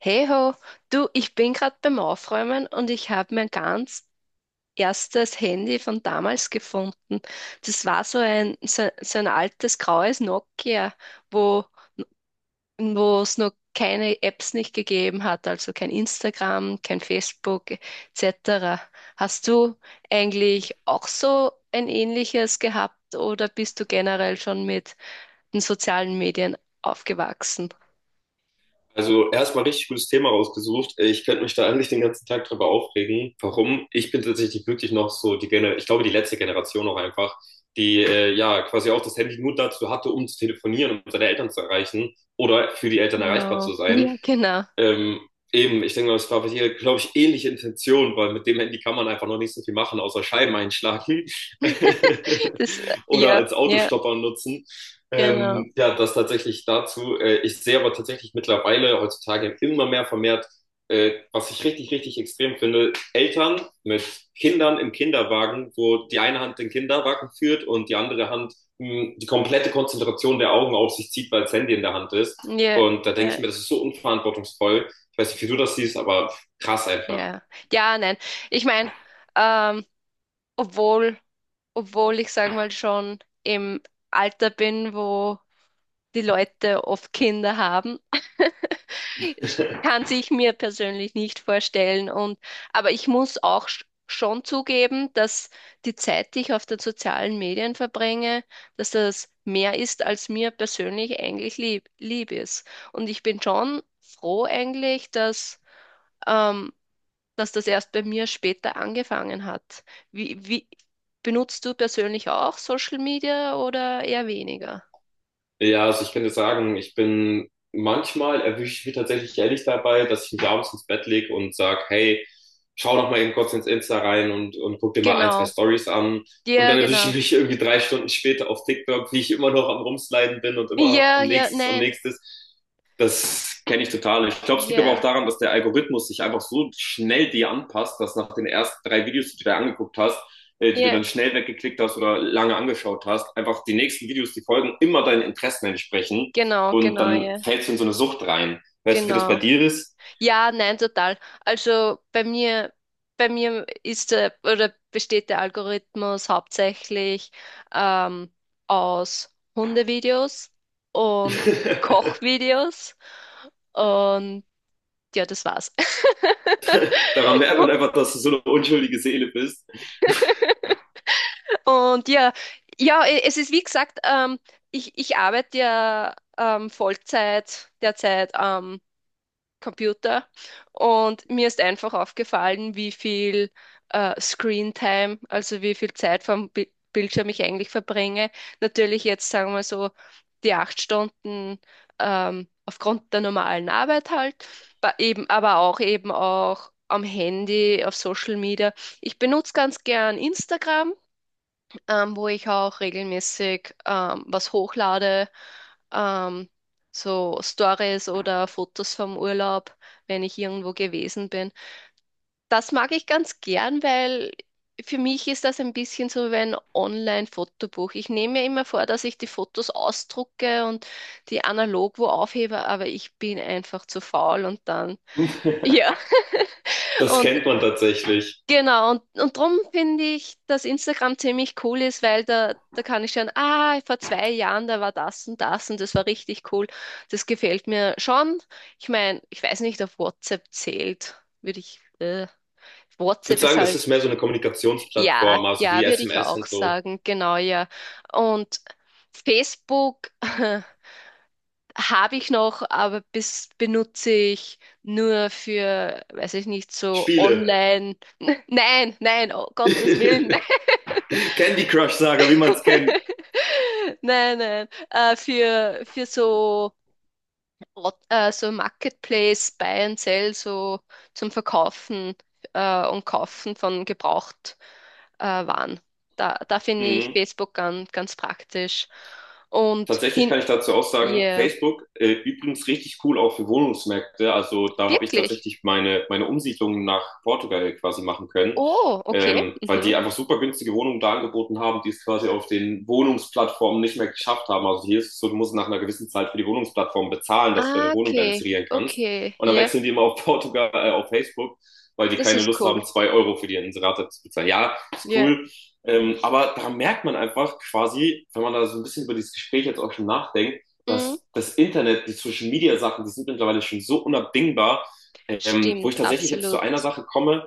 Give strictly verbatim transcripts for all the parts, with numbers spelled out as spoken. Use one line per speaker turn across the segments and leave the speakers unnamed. Hey ho, du, ich bin gerade beim Aufräumen und ich habe mein ganz erstes Handy von damals gefunden. Das war so ein, so, so ein altes graues Nokia, wo wo es noch keine Apps nicht gegeben hat, also kein Instagram, kein Facebook et cetera. Hast du eigentlich auch so ein ähnliches gehabt oder bist du generell schon mit den sozialen Medien aufgewachsen?
Also erstmal richtig gutes Thema rausgesucht. Äh, Ich könnte mich da eigentlich den ganzen Tag drüber aufregen. Warum? Ich bin tatsächlich wirklich noch so die Gener ich glaube die letzte Generation auch einfach, die äh, ja quasi auch das Handy nur dazu hatte, um zu telefonieren, um seine Eltern zu erreichen oder für die Eltern erreichbar
Genau.
zu sein.
Ja, genau.
Ähm, eben, ich denke mal, das war bei dir, glaube ich, ähnliche Intention, weil mit dem Handy kann man einfach noch nicht so viel machen, außer Scheiben einschlagen
Das, äh,
oder
ja,
als
ja,
Autostopper nutzen.
genau.
Ähm, ja, das tatsächlich dazu. Äh, ich sehe aber tatsächlich mittlerweile heutzutage immer mehr vermehrt, äh, was ich richtig, richtig extrem finde, Eltern mit Kindern im Kinderwagen, wo die eine Hand den Kinderwagen führt und die andere Hand mh, die komplette Konzentration der Augen auf sich zieht, weil das Handy in der Hand ist.
Ja,
Und da denke
äh,
ich mir, das ist so unverantwortungsvoll. Ich weiß nicht, wie du das siehst, aber krass einfach.
ja. Ja, nein. Ich meine, ähm, obwohl, obwohl ich sag mal schon im Alter bin, wo die Leute oft Kinder haben. Kann sich mir persönlich nicht vorstellen. Und, aber ich muss auch sch- schon zugeben, dass die Zeit, die ich auf den sozialen Medien verbringe, dass das mehr ist, als mir persönlich eigentlich lieb, lieb ist. Und ich bin schon froh eigentlich, dass, ähm, dass das erst bei mir später angefangen hat. Wie, wie benutzt du persönlich auch Social Media oder eher weniger?
Ja, also ich kann dir sagen, ich bin manchmal erwische ich mich tatsächlich ehrlich dabei, dass ich mich abends ins Bett leg und sag, hey, schau noch mal eben kurz ins Insta rein und, und guck dir mal ein, zwei
Genau.
Stories an. Und
Ja,
dann erwische
genau.
ich mich irgendwie drei Stunden später auf TikTok, wie ich immer noch am Rumsliden bin und immer noch
Ja,
am
ja,
nächstes und
nein.
nächstes. Das kenne ich total. Ich glaube, es liegt aber
Ja,
auch daran, dass der Algorithmus sich einfach so schnell dir anpasst, dass nach den ersten drei Videos, die du dir angeguckt hast, äh, die du
ja.
dann schnell weggeklickt hast oder lange angeschaut hast, einfach die nächsten Videos, die folgen, immer deinen Interessen entsprechen
Genau,
und
genau,
dann
ja.
fällst du in so eine Sucht rein. Weißt du, wie das bei
Genau.
dir ist?
Ja, nein, total. Also bei mir, bei mir ist der, oder besteht der Algorithmus hauptsächlich ähm, aus Hundevideos und Kochvideos. Und ja, das war's.
Daran merkt man einfach, dass du so eine unschuldige Seele bist.
Und ja, ja, e- es ist wie gesagt. Ähm, ich, ich arbeite ja ähm, Vollzeit derzeit am Computer und mir ist einfach aufgefallen, wie viel äh, Screen-Time, also wie viel Zeit vom Bi Bildschirm ich eigentlich verbringe. Natürlich jetzt sagen wir so die acht Stunden ähm, aufgrund der normalen Arbeit halt, ba- eben, aber auch eben auch am Handy, auf Social Media. Ich benutze ganz gern Instagram, ähm, wo ich auch regelmäßig ähm, was hochlade, ähm, so Stories oder Fotos vom Urlaub, wenn ich irgendwo gewesen bin. Das mag ich ganz gern, weil für mich ist das ein bisschen so wie ein Online-Fotobuch. Ich nehme mir immer vor, dass ich die Fotos ausdrucke und die analog wo aufhebe, aber ich bin einfach zu faul und dann, ja,
das
und
kennt man tatsächlich.
genau, und, und darum finde ich, dass Instagram ziemlich cool ist, weil da, da kann ich schauen, ah, vor zwei Jahren, da war das und das und das war richtig cool. Das gefällt mir schon. Ich meine, ich weiß nicht, ob WhatsApp zählt, würde ich, äh,
Ich würde
WhatsApp ist
sagen, das
halt,
ist mehr so eine
ja,
Kommunikationsplattform, also wie
ja, würde ich
S M S
auch
und so.
sagen, genau, ja. Und Facebook habe ich noch, aber bis, benutze ich nur für, weiß ich nicht, so
Spiele.
online. Nein, nein, oh Gottes Willen.
Candy Crush Saga, wie man es kennt.
Nein, nein. Äh, für, für so, Ort- äh, so Marketplace, Buy and Sell, so zum Verkaufen äh, und Kaufen von gebraucht äh, Waren. Da, da finde ich
Mhm.
Facebook ganz, ganz praktisch. Und
Tatsächlich kann
hin,
ich dazu auch sagen,
yeah,
Facebook, äh, übrigens richtig cool auch für Wohnungsmärkte. Also da habe ich
wirklich.
tatsächlich meine, meine Umsiedlung nach Portugal quasi machen können,
Oh, okay.
ähm, weil
Mhm.
die einfach super günstige Wohnungen da angeboten haben, die es quasi auf den Wohnungsplattformen nicht mehr geschafft haben. Also hier ist es so, du musst nach einer gewissen Zeit für die Wohnungsplattform bezahlen, dass du
Ah,
deine Wohnung da
okay,
inserieren kannst.
okay,
Und dann
yeah,
wechseln die immer auf Portugal, äh, auf Facebook, weil die
das
keine
ist
Lust
cool.
haben, zwei Euro für die Inserate zu bezahlen. Ja, ist
Yeah,
cool. Ähm, aber da merkt man einfach quasi, wenn man da so ein bisschen über dieses Gespräch jetzt auch schon nachdenkt,
mm,
dass das Internet, die Social Media Sachen, die sind mittlerweile schon so unabdingbar, ähm, wo ich
stimmt,
tatsächlich jetzt zu
absolut.
einer Sache komme.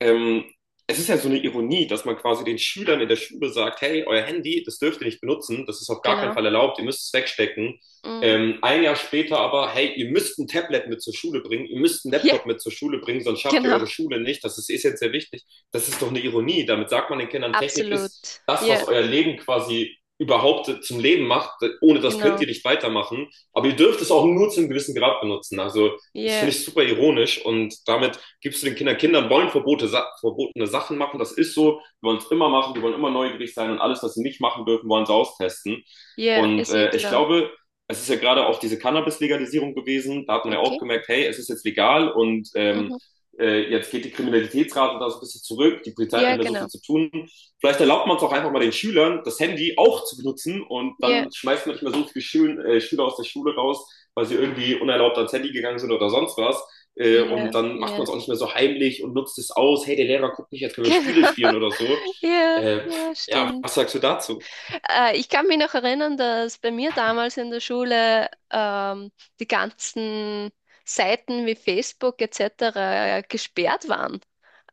Ähm, es ist ja so eine Ironie, dass man quasi den Schülern in der Schule sagt, hey, euer Handy, das dürft ihr nicht benutzen, das ist auf gar keinen
Genau.
Fall erlaubt, ihr müsst es wegstecken.
Mm,
Ähm, ein Jahr später aber, hey, ihr müsst ein Tablet mit zur Schule bringen, ihr müsst einen
ja,
Laptop mit zur Schule bringen, sonst schafft ihr
genau.
eure Schule nicht, das ist essentiell wichtig. Das ist doch eine Ironie. Damit sagt man den Kindern, Technik ist
Absolut.
das, was
Ja,
euer Leben quasi überhaupt zum Leben macht. Ohne das könnt
genau.
ihr nicht weitermachen. Aber ihr dürft es auch nur zu einem gewissen Grad benutzen. Also das
Ja,
finde ich super ironisch und damit gibst du den Kindern, Kindern wollen Verbote, verbotene Sachen machen, das ist so, die wollen es immer machen, die wollen immer neugierig sein und alles, was sie nicht machen dürfen, wollen sie austesten.
ja,
Und
ist ja
äh, ich
klar.
glaube, es ist ja gerade auch diese Cannabis-Legalisierung gewesen, da hat man ja auch
Okay.
gemerkt, hey, es ist jetzt legal und ähm,
Mhm.
äh, jetzt geht die Kriminalitätsrate da so ein bisschen zurück, die Polizei hat
Ja,
nicht mehr so
genau.
viel zu tun. Vielleicht erlaubt man es auch einfach mal den Schülern, das Handy auch zu benutzen und
Ja,
dann schmeißt man nicht mehr so viele Schül äh, Schüler aus der Schule raus, weil sie irgendwie unerlaubt ans Handy gegangen sind oder sonst was. Äh,
ja,
und dann macht man
ja.
es auch nicht mehr so heimlich und nutzt es aus. Hey, der Lehrer guckt nicht, jetzt können wir
Genau.
Spiele spielen oder so.
Ja,
Äh,
ja,
ja,
stimmt.
was sagst du dazu?
Äh, ich kann mich noch erinnern, dass bei mir damals in der Schule ähm, die ganzen Seiten wie Facebook et cetera gesperrt waren.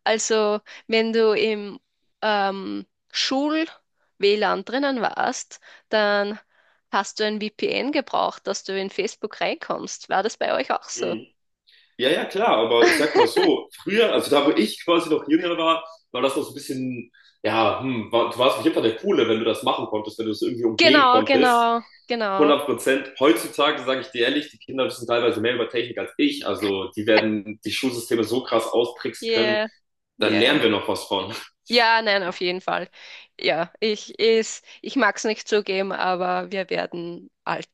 Also, wenn du im ähm, Schul-WLAN drinnen warst, dann hast du ein V P N gebraucht, dass du in Facebook reinkommst. War das bei euch auch so?
Mhm. Ja, ja, klar, aber ich sag mal so, früher, also da wo ich quasi noch jünger war, war das noch so ein bisschen, ja, hm, war, du warst auf jeden Fall der Coole, wenn du das machen konntest, wenn du es irgendwie umgehen
Genau,
konntest.
genau, genau.
hundert Prozent. Heutzutage sage ich dir ehrlich, die Kinder wissen teilweise mehr über Technik als ich. Also die werden die Schulsysteme so krass austricksen können,
Yeah,
da
yeah.
lernen wir noch was von.
Ja, nein, auf jeden Fall. Ja, ich ist, ich mag es nicht zugeben, aber wir werden alt.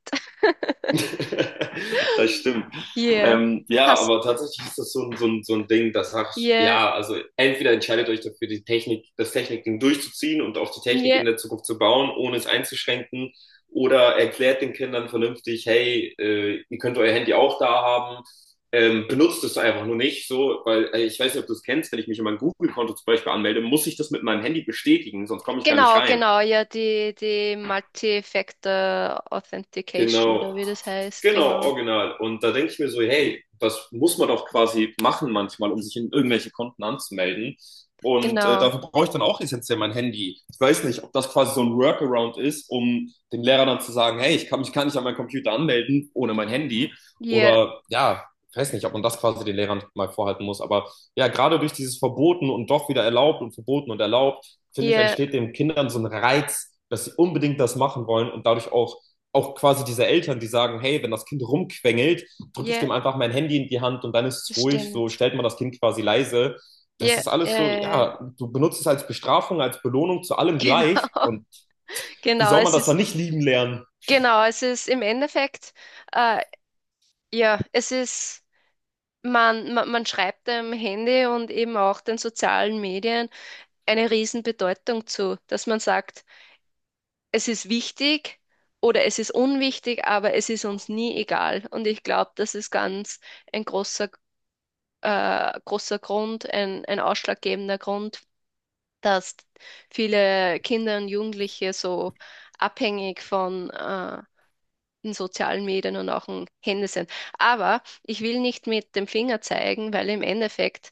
Das stimmt.
Yeah.
Ähm, ja,
Hast,
aber tatsächlich ist das so ein, so ein, so ein Ding, das sag ich,
yeah,
ja, also entweder entscheidet euch dafür, die Technik, das Technikding durchzuziehen und auf die Technik
yeah.
in der Zukunft zu bauen, ohne es einzuschränken, oder erklärt den Kindern vernünftig, hey, äh, ihr könnt euer Handy auch da haben, ähm, benutzt es einfach nur nicht so, weil äh, ich weiß nicht, ob du es kennst, wenn ich mich in mein Google-Konto zum Beispiel anmelde, muss ich das mit meinem Handy bestätigen, sonst komme ich gar nicht
Genau,
rein.
genau, ja, die, die Multi-Factor Authentication oder
Genau,
wie das heißt,
Genau,
genau.
original. Und da denke ich mir so, hey, das muss man doch quasi machen manchmal, um sich in irgendwelche Konten anzumelden. Und äh,
Genau.
dafür brauche ich dann auch essentiell mein Handy. Ich weiß nicht, ob das quasi so ein Workaround ist, um dem Lehrer dann zu sagen, hey, ich kann mich gar nicht an meinen Computer anmelden ohne mein Handy.
Ja,
Oder ja, ich weiß nicht, ob man das quasi den Lehrern mal vorhalten muss. Aber ja, gerade durch dieses Verboten und doch wieder erlaubt und verboten und erlaubt, finde ich,
ja,
entsteht den Kindern so ein Reiz, dass sie unbedingt das machen wollen und dadurch auch auch quasi diese Eltern, die sagen, hey, wenn das Kind rumquengelt, drücke ich
ja,
dem einfach mein Handy in die Hand und dann ist es
das
ruhig, so
stimmt.
stellt man das Kind quasi leise. Das
Ja,
ist
ja,
alles so,
ja, ja,
ja, du benutzt es als Bestrafung, als Belohnung zu allem
genau.
gleich. Und wie
Genau,
soll man
es
das dann
ist,
nicht lieben lernen?
genau, es ist im Endeffekt, äh, ja, es ist, man, man, man schreibt dem Handy und eben auch den sozialen Medien eine Riesenbedeutung zu, dass man sagt, es ist wichtig oder es ist unwichtig, aber es ist uns nie egal. Und ich glaube, das ist ganz ein großer, äh, großer Grund, ein, ein ausschlaggebender Grund, dass viele Kinder und Jugendliche so abhängig von äh, den sozialen Medien und auch dem Handy sind. Aber ich will nicht mit dem Finger zeigen, weil im Endeffekt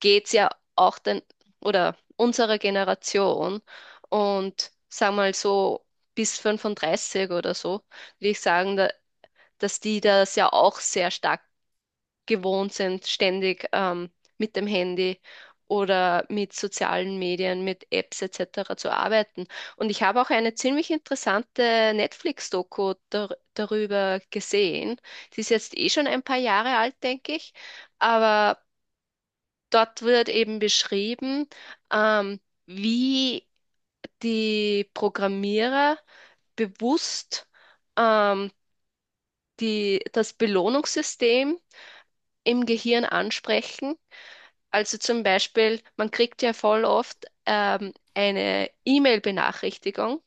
geht's ja auch den, oder unserer Generation und sag mal so bis fünfunddreißig oder so, würde ich sagen, da, dass die das ja auch sehr stark gewohnt sind, ständig ähm, mit dem Handy oder mit sozialen Medien, mit Apps et cetera zu arbeiten. Und ich habe auch eine ziemlich interessante Netflix-Doku dar darüber gesehen. Die ist jetzt eh schon ein paar Jahre alt, denke ich. Aber dort wird eben beschrieben, ähm, wie die Programmierer bewusst ähm, die, das Belohnungssystem im Gehirn ansprechen. Also zum Beispiel, man kriegt ja voll oft ähm, eine E-Mail-Benachrichtigung,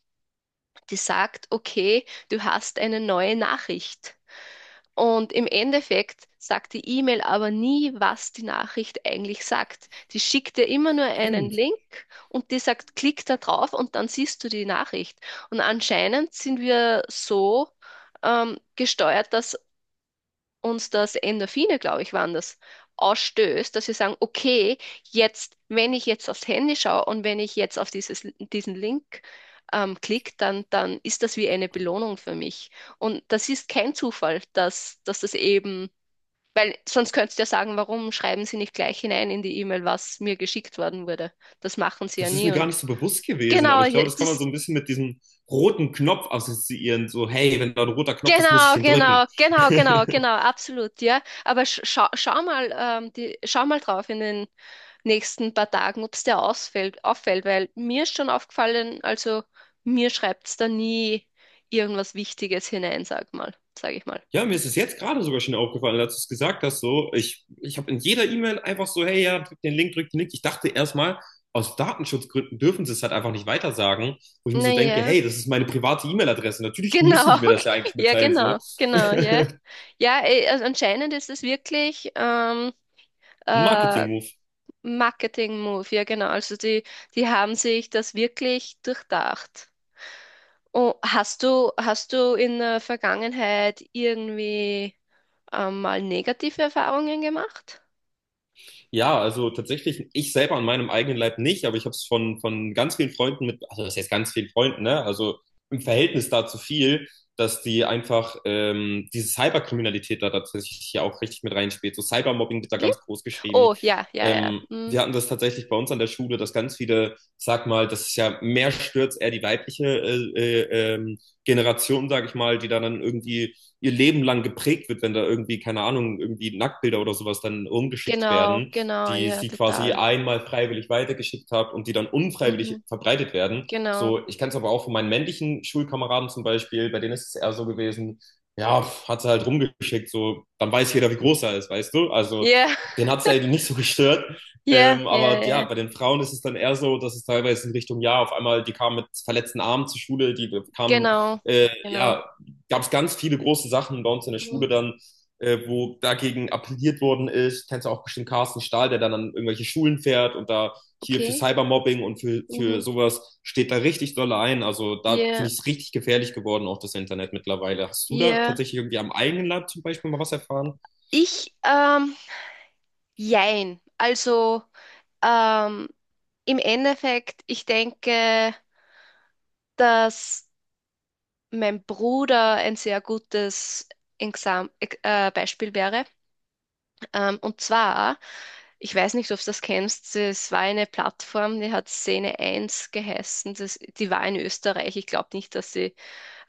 die sagt, okay, du hast eine neue Nachricht. Und im Endeffekt sagt die E-Mail aber nie, was die Nachricht eigentlich sagt. Die schickt dir immer nur einen
Stimmt.
Link und die sagt, klick da drauf und dann siehst du die Nachricht. Und anscheinend sind wir so ähm, gesteuert, dass uns das Endorphine, glaube ich, waren das, ausstößt, dass wir sagen, okay, jetzt, wenn ich jetzt aufs Handy schaue und wenn ich jetzt auf dieses, diesen Link ähm, klicke, dann, dann ist das wie eine Belohnung für mich. Und das ist kein Zufall, dass, dass das eben, weil sonst könntest du ja sagen, warum schreiben Sie nicht gleich hinein in die E-Mail, was mir geschickt worden wurde. Das machen Sie ja
Das ist mir
nie.
gar
Und
nicht so bewusst gewesen, aber
genau,
ich
ja,
glaube, das kann man so
das
ein bisschen mit diesem roten Knopf assoziieren. So, hey, wenn da ein roter Knopf ist, muss ich
Genau,
den drücken.
genau, genau, genau, genau, absolut, ja. Aber sch schau, schau mal, ähm, die, schau mal drauf in den nächsten paar Tagen, ob es dir ausfällt, auffällt, weil mir ist schon aufgefallen, also mir schreibt es da nie irgendwas Wichtiges hinein, sag mal, sag ich mal.
Ja, mir ist es jetzt gerade sogar schon aufgefallen, als du es gesagt hast, so, ich, ich habe in jeder E-Mail einfach so, hey, ja, drück den Link, drück den Link. Ich dachte erstmal, aus Datenschutzgründen dürfen sie es halt einfach nicht weitersagen, wo ich mir so denke,
Naja,
hey, das ist meine private E-Mail-Adresse. Natürlich müssen
genau,
die mir das ja eigentlich
ja,
mitteilen, so.
genau, genau, ja.
Ein
Ja, eh, also anscheinend ist es wirklich ähm, äh,
Marketing-Move.
Marketing-Move, ja, genau. Also die, die haben sich das wirklich durchdacht. Oh, hast du, hast du in der Vergangenheit irgendwie ähm, mal negative Erfahrungen gemacht?
Ja, also tatsächlich, ich selber an meinem eigenen Leib nicht, aber ich habe es von, von ganz vielen Freunden mit, also das heißt ganz vielen Freunden, ne? Also im Verhältnis dazu viel, dass die einfach ähm, diese Cyberkriminalität da tatsächlich ja auch richtig mit reinspielt. So Cybermobbing wird da
Wirklich?
ganz groß geschrieben.
Oh, ja, ja, ja.
Ähm,
Mm,
wir hatten das tatsächlich bei uns an der Schule, dass ganz viele, sag mal, das ist ja mehr stürzt eher die weibliche äh, äh, ähm, Generation, sag ich mal, die da dann irgendwie ihr Leben lang geprägt wird, wenn da irgendwie, keine Ahnung, irgendwie Nacktbilder oder sowas dann rumgeschickt
genau,
werden
genau,
die
ja,
sie quasi
total.
einmal freiwillig weitergeschickt habe und die dann unfreiwillig
Mhm,
verbreitet werden.
genau.
So, ich kenne es aber auch von meinen männlichen Schulkameraden zum Beispiel, bei denen ist es eher so gewesen, ja, pf, hat sie halt rumgeschickt, so, dann weiß jeder, wie groß er ist, weißt du? Also,
Ja,
den hat es ja nicht so gestört.
ja,
Ähm,
ja,
aber ja,
ja.
bei den Frauen ist es dann eher so, dass es teilweise in Richtung, ja, auf einmal, die kamen mit verletzten Armen zur Schule, die kamen,
Genau,
äh,
genau.
ja, gab es ganz viele große Sachen bei uns in der
Mhm,
Schule dann, äh, wo dagegen appelliert worden ist. Kennst du auch bestimmt Carsten Stahl, der dann an irgendwelche Schulen fährt und da hier für
okay.
Cybermobbing und für, für
Mhm,
sowas steht da richtig doll ein. Also da finde
ja,
ich es richtig gefährlich geworden, auch das Internet mittlerweile. Hast du da
ja.
tatsächlich irgendwie am eigenen Land zum Beispiel mal was erfahren?
Ich, ähm, Jein. Also, ähm, im Endeffekt, ich denke, dass mein Bruder ein sehr gutes Exam äh, Beispiel wäre. Ähm, und zwar, ich weiß nicht, ob du das kennst, es war eine Plattform, die hat Szene eins geheißen. Das, die war in Österreich. Ich glaube nicht, dass sie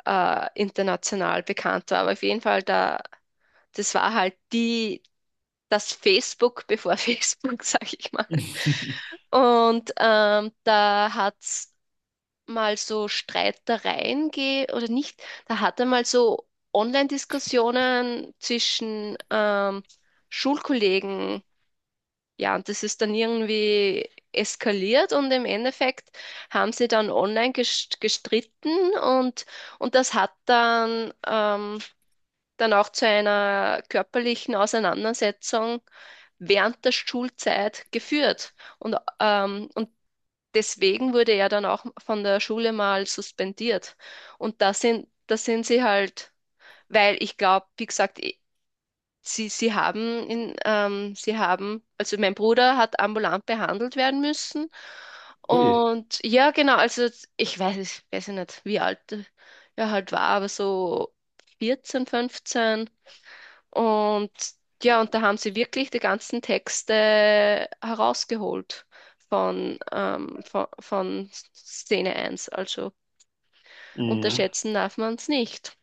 äh, international bekannt war, aber auf jeden Fall, da, das war halt die. Das Facebook bevor Facebook, sag ich mal. Und ähm, da hat's mal so Streitereien gehe oder nicht, da hat er mal so Online-Diskussionen zwischen ähm, Schulkollegen, ja, und das ist dann irgendwie eskaliert und im Endeffekt haben sie dann online gest- gestritten und, und das hat dann, ähm, dann auch zu einer körperlichen Auseinandersetzung während der Schulzeit geführt. Und, ähm, und deswegen wurde er dann auch von der Schule mal suspendiert. Und da sind, da sind sie halt, weil ich glaube, wie gesagt, eh, sie, sie haben in, ähm, sie haben, also mein Bruder hat ambulant behandelt werden müssen.
Ui.
Und ja, genau, also ich weiß, ich weiß ja nicht, wie alt er halt war, aber so vierzehn, fünfzehn. Und ja, und da haben sie wirklich die ganzen Texte herausgeholt von, ähm, von, von Szene eins. Also
Mhm.
unterschätzen darf man es nicht.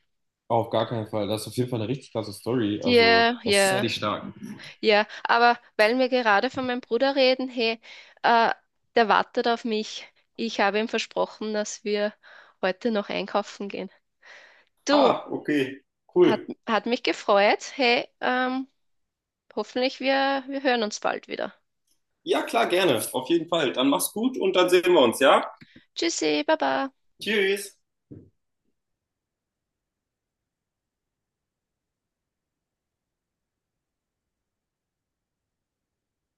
Auf gar keinen Fall. Das ist auf jeden Fall eine richtig klasse Story. Also,
Ja,
das ist Sehr
ja,
dich stark.
ja. Aber weil wir gerade von meinem Bruder reden, hey, äh, der wartet auf mich. Ich habe ihm versprochen, dass wir heute noch einkaufen gehen. Du,
Ah, okay,
hat,
cool.
hat mich gefreut. Hey, ähm, hoffentlich wir, wir hören uns bald wieder.
Ja, klar, gerne. Auf jeden Fall. Dann mach's gut und dann sehen wir uns, ja?
Tschüssi, Baba.
Tschüss.